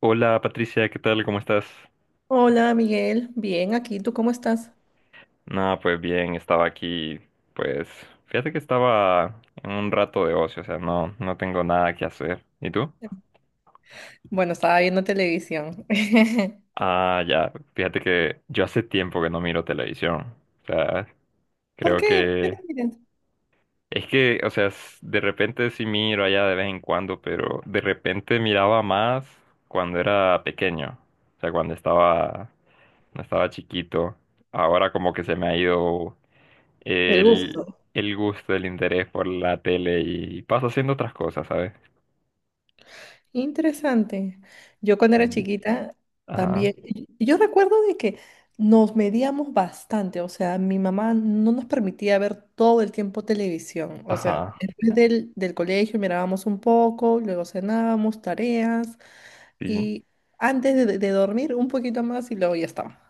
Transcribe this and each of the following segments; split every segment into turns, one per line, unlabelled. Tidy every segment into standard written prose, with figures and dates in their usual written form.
Hola Patricia, ¿qué tal? ¿Cómo estás?
Hola Miguel, bien, aquí, ¿tú cómo estás?
No, pues bien, estaba aquí, pues fíjate que estaba en un rato de ocio, o sea, no tengo nada que hacer. ¿Y tú?
Bueno, estaba viendo televisión.
Ah, ya, fíjate que yo hace tiempo que no miro televisión, o sea,
¿Por
creo
qué? ¿Por qué no
que
miras?
es que, o sea, de repente sí miro allá de vez en cuando, pero de repente miraba más cuando era pequeño, o sea, cuando estaba chiquito. Ahora como que se me ha ido
El
el,
gusto.
el gusto, el interés por la tele y paso haciendo otras cosas, ¿sabes?
Interesante. Yo cuando era
Sí.
chiquita
Ajá,
también, y yo recuerdo de que nos medíamos bastante, o sea, mi mamá no nos permitía ver todo el tiempo televisión, o sea,
ajá,
después del colegio mirábamos un poco, luego cenábamos, tareas,
sí.
y antes de dormir un poquito más y luego ya estaba.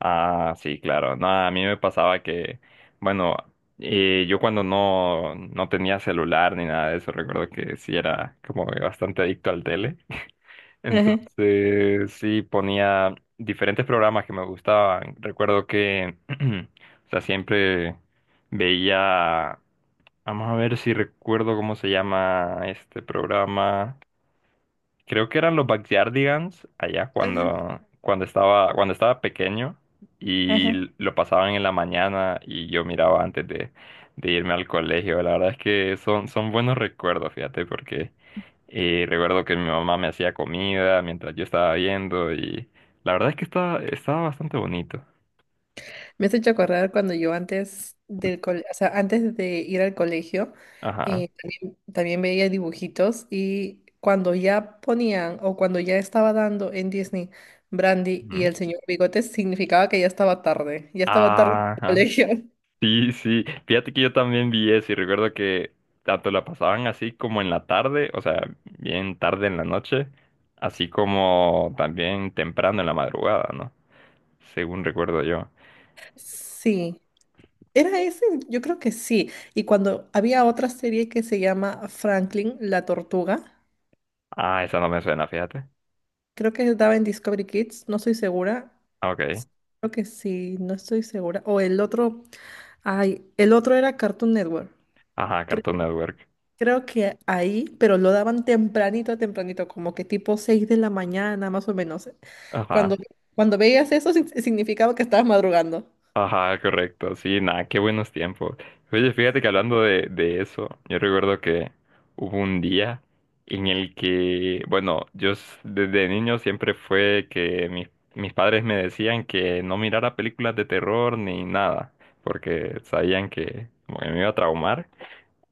Ah, sí, claro. No, a mí me pasaba que, bueno, yo cuando no tenía celular ni nada de eso, recuerdo que sí era como que bastante adicto al tele.
Ajá,
Entonces, sí, ponía diferentes programas que me gustaban. Recuerdo que, o sea, siempre veía. Vamos a ver si recuerdo cómo se llama este programa. Creo que eran los Backyardigans allá cuando estaba pequeño y
ajá.
lo pasaban en la mañana y yo miraba antes de irme al colegio. La verdad es que son buenos recuerdos, fíjate, porque recuerdo que mi mamá me hacía comida mientras yo estaba viendo y la verdad es que estaba bastante bonito.
Me has hecho acordar cuando yo antes o sea, antes de ir al colegio,
Ajá.
también veía dibujitos y cuando ya ponían o cuando ya estaba dando en Disney Brandy y
Ujú.
el señor Bigotes, significaba que ya estaba tarde en el
Ajá.
colegio.
Sí, sí, fíjate que yo también vi eso y recuerdo que tanto la pasaban así como en la tarde, o sea, bien tarde en la noche, así como también temprano en la madrugada, ¿no? Según recuerdo yo.
Sí, era ese, yo creo que sí. Y cuando había otra serie que se llama Franklin, la tortuga,
Ah, esa no me suena, fíjate.
creo que daba en Discovery Kids, no estoy segura.
Ah, ok.
Creo que sí, no estoy segura. O el otro. Ay, el otro era Cartoon Network.
Ajá, Cartoon
Cre-
Network.
Creo, que ahí, pero lo daban tempranito, tempranito, como que tipo 6 de la mañana, más o menos. Cuando,
Ajá.
cuando veías eso, significaba que estabas madrugando.
Ajá, correcto. Sí, nada, qué buenos tiempos. Oye, fíjate que hablando de eso, yo recuerdo que hubo un día en el que, bueno, desde niño siempre fue que mis padres me decían que no mirara películas de terror ni nada, porque sabían que como que me iba a traumar.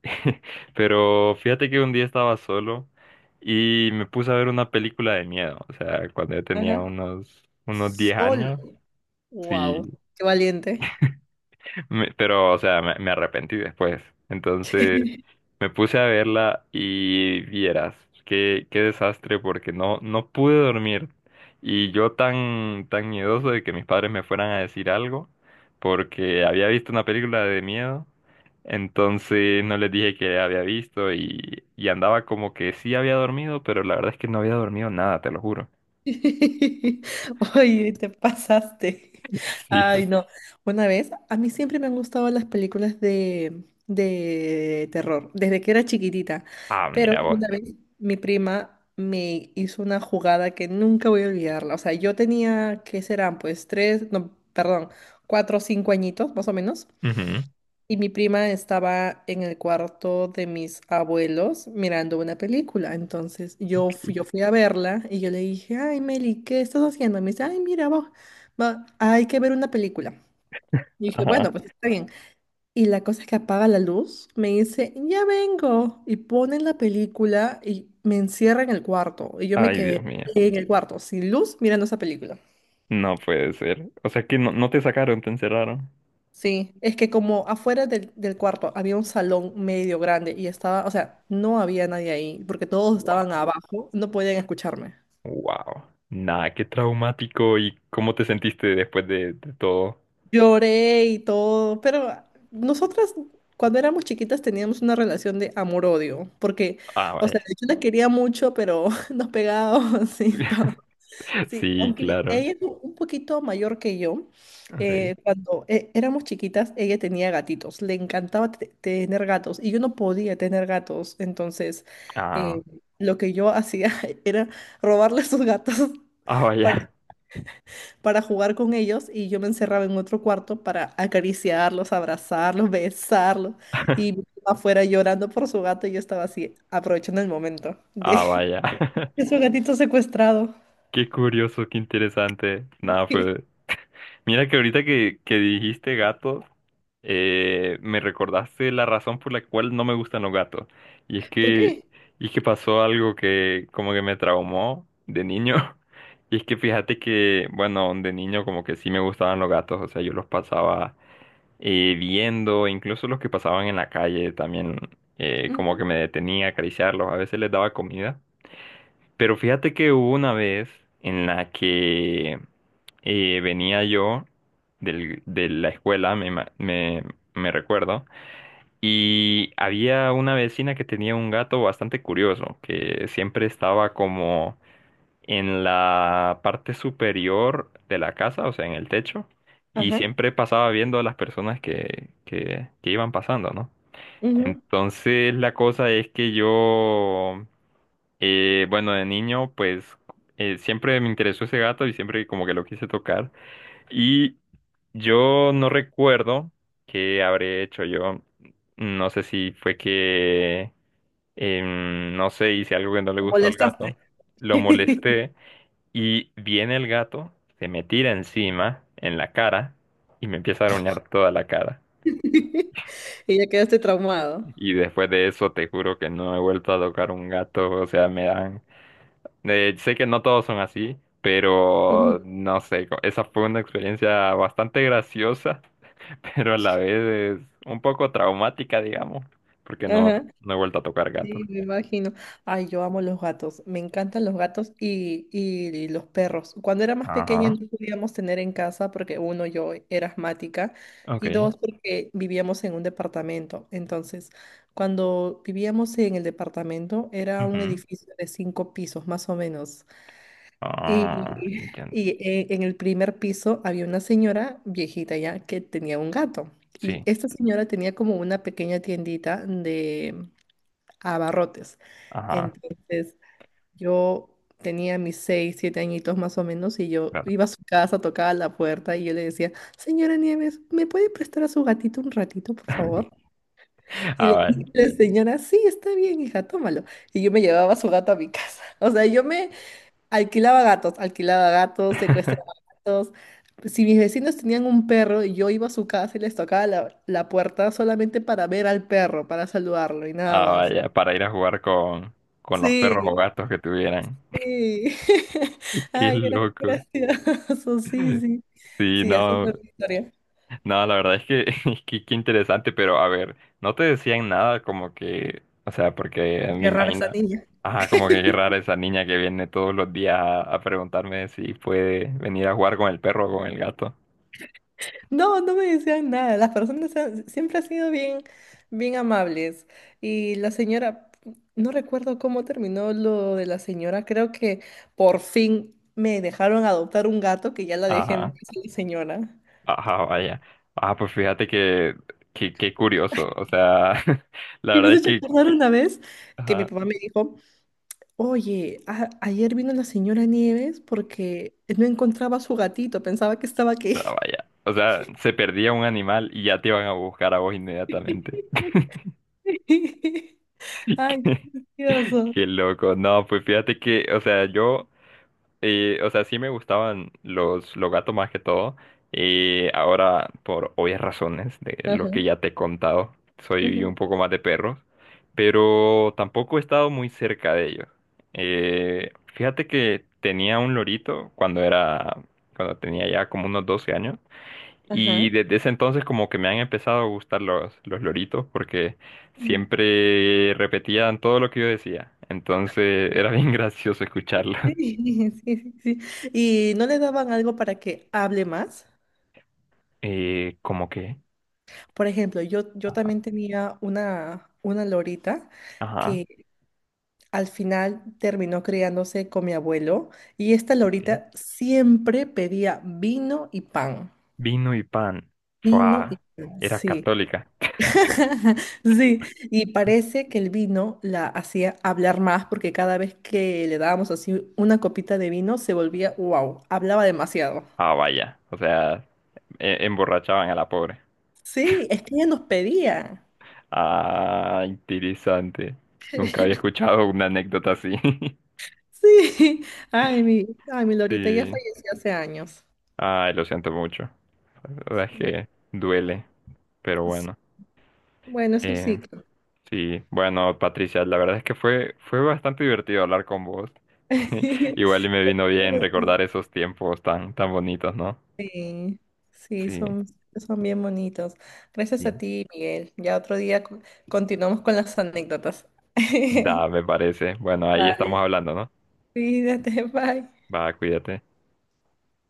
Pero fíjate que un día estaba solo y me puse a ver una película de miedo, o sea, cuando yo tenía
Ajá.
unos 10
Solo.
años. Sí,
Wow, qué valiente.
pero, o sea, me arrepentí después. Entonces, me puse a verla y vieras, qué desastre, porque no pude dormir. Y yo tan miedoso de que mis padres me fueran a decir algo, porque había visto una película de miedo, entonces no les dije que había visto y andaba como que sí había dormido, pero la verdad es que no había dormido nada, te lo juro.
Oye, te pasaste.
Sí.
Ay, no. Una vez, a mí siempre me han gustado las películas de terror, desde que era chiquitita.
Ah,
Pero
mira vos.
una vez mi prima me hizo una jugada que nunca voy a olvidarla. O sea, yo tenía, ¿qué serán? Pues tres, no, perdón, cuatro o cinco añitos, más o menos.
Ujú.
Y mi prima estaba en el cuarto de mis abuelos mirando una película. Entonces yo fui a verla y yo le dije, ay, Meli, ¿qué estás haciendo? Y me dice, ay, mira, vos, hay que ver una película. Y dije, bueno,
Ajá.
pues está bien. Y la cosa es que apaga la luz, me dice, ya vengo. Y ponen la película y me encierra en el cuarto. Y yo me
Ay, Dios
quedé
mío.
en el cuarto, sin luz, mirando esa película.
No puede ser. O sea que no te sacaron, te encerraron.
Sí, es que como afuera del cuarto había un salón medio grande y estaba, o sea, no había nadie ahí porque todos estaban
Wow,
abajo, no podían escucharme.
wow. Nah, qué traumático. ¿Y cómo te sentiste después de todo?
Lloré y todo, pero nosotras cuando éramos chiquitas teníamos una relación de amor-odio, porque,
Ah,
o sea,
vaya.
yo la quería mucho, pero nos pegábamos y todo. Sí,
Sí,
aunque
claro.
ella es un poquito mayor que yo,
Ok.
cuando éramos chiquitas, ella tenía gatitos, le encantaba tener gatos y yo no podía tener gatos, entonces
Ah,
eh, lo que yo hacía era robarle sus gatos
ah,
para,
vaya.
para jugar con ellos y yo me encerraba en otro cuarto para acariciarlos, abrazarlos, besarlos y mi mamá fuera llorando por su gato y yo estaba así aprovechando el momento
Ah, vaya.
de su gatito secuestrado.
Qué curioso, qué interesante. Nada, fue, mira que ahorita que dijiste gatos, me recordaste la razón por la cual no me gustan los gatos. Y es
¿Por
que,
qué?
y es que pasó algo que como que me traumó de niño. Y es que fíjate que, bueno, de niño como que sí me gustaban los gatos. O sea, yo los pasaba viendo, incluso los que pasaban en la calle también como que me detenía a acariciarlos. A veces les daba comida. Pero fíjate que hubo una vez en la que venía yo de la escuela, me recuerdo, y había una vecina que tenía un gato bastante curioso, que siempre estaba como en la parte superior de la casa, o sea, en el techo, y
Ajá.
siempre pasaba viendo a las personas que iban pasando, ¿no?
Ujú.
Entonces la cosa es que yo bueno, de niño, pues siempre me interesó ese gato y siempre como que lo quise tocar. Y yo no recuerdo qué habré hecho yo. No sé si fue que, no sé, hice algo que no le
Lo
gustó al gato.
molestaste.
Lo molesté y viene el gato, se me tira encima, en la cara, y me empieza a arañar toda la cara.
Y ya quedaste traumado.
Y después de eso, te juro que no he vuelto a tocar un gato. O sea, me dan sé que no todos son así,
Ujú,
pero no sé, esa fue una experiencia bastante graciosa, pero a la vez es un poco traumática, digamos, porque
ajá.
no he vuelto a tocar gatos.
Sí, me imagino. Ay, yo amo los gatos. Me encantan los gatos y los perros. Cuando era más pequeña
Ajá.
no podíamos tener en casa porque uno, yo era asmática y
Ok.
dos, porque vivíamos en un departamento. Entonces, cuando vivíamos en el departamento era un
Ujú,
edificio de cinco pisos más o menos.
ah,
Y,
entiendo.
en el primer piso había una señora viejita ya que tenía un gato. Y
Sí.
esta señora tenía como una pequeña tiendita de abarrotes.
Ajá.
Entonces yo tenía mis seis, siete añitos más o menos y yo
Claro.
iba a su casa, tocaba la puerta y yo le decía, señora Nieves, ¿me puede prestar a su gatito un ratito, por favor? Y
Ah,
le
vaya.
y la señora, sí, está bien, hija, tómalo. Y yo me llevaba a su gato a mi casa. O sea, yo me... alquilaba gatos, secuestraba gatos. Si mis vecinos tenían un perro y yo iba a su casa y les tocaba la puerta solamente para ver al perro, para saludarlo y nada
Ah,
más.
vaya, para ir a jugar con los perros o
Sí,
gatos que tuvieran.
sí.
Qué
Ay, era
loco.
gracioso, sí, sí.
Sí,
Sí, así
no.
fue mi historia.
No, la verdad es que, es que qué interesante, pero a ver, no te decían nada como que, o sea, porque me
Qué rara
imagino,
esa niña.
ajá, como que qué rara esa niña que viene todos los días a preguntarme si puede venir a jugar con el perro o con el gato.
No, no me decían nada. Siempre han sido bien, bien amables. Y la señora, no recuerdo cómo terminó lo de la señora. Creo que por fin me dejaron adoptar un gato que ya la dejé en
Ajá,
paz a la señora.
ajá, vaya. Ah, pues fíjate que, qué curioso, o sea, la
Y me
verdad
has
es
hecho
que,
acordar una vez que mi
ajá,
papá me dijo, oye, ayer vino la señora Nieves porque no encontraba a su gatito, pensaba que estaba aquí.
ah, vaya, o sea, se perdía un animal y ya te iban a buscar a vos inmediatamente.
Ay, qué gracioso.
Qué loco, no, pues fíjate que, o sea, yo y, o sea, sí me gustaban los gatos más que todo. Y ahora, por obvias razones de
Ajá,
lo que ya te he contado,
ajá,
soy un poco más de perros. Pero tampoco he estado muy cerca de ellos. Fíjate que tenía un lorito cuando era, cuando tenía ya como unos 12 años. Y
ajá.
desde ese entonces como que me han empezado a gustar los loritos porque siempre repetían todo lo que yo decía. Entonces era bien gracioso escucharlos.
Sí, sí, sí. Sí. Y no le daban algo para que hable más.
Como que,
Por ejemplo, yo también tenía una lorita
ajá,
que al final terminó criándose con mi abuelo y esta lorita
ok.
siempre pedía vino y pan.
Vino y pan.
Vino y
Fua,
pan,
era
sí.
católica.
Sí, y parece que el vino la hacía hablar más porque cada vez que le dábamos así una copita de vino se volvía, wow, hablaba demasiado.
Ah, vaya, o sea, emborrachaban a la pobre.
Sí, es que ella nos pedía.
Ah, interesante. Nunca había escuchado una anécdota así.
Sí, ay, mi, ay, mi Lorita ya
Sí.
falleció hace años.
Ay, lo siento mucho. La verdad es
Sí,
que duele, pero bueno.
bueno, es el
Eh,
ciclo.
sí, bueno, Patricia, la verdad es que fue, fue bastante divertido hablar con vos. Igual y me vino
Pero
bien recordar esos tiempos tan, tan bonitos, ¿no?
sí, sí,
Sí,
son, son bien bonitos. Gracias a
sí.
ti, Miguel. Ya otro día continuamos con las anécdotas.
Da, me parece. Bueno, ahí estamos
Vale,
hablando, ¿no?
cuídate, bye.
Va, cuídate.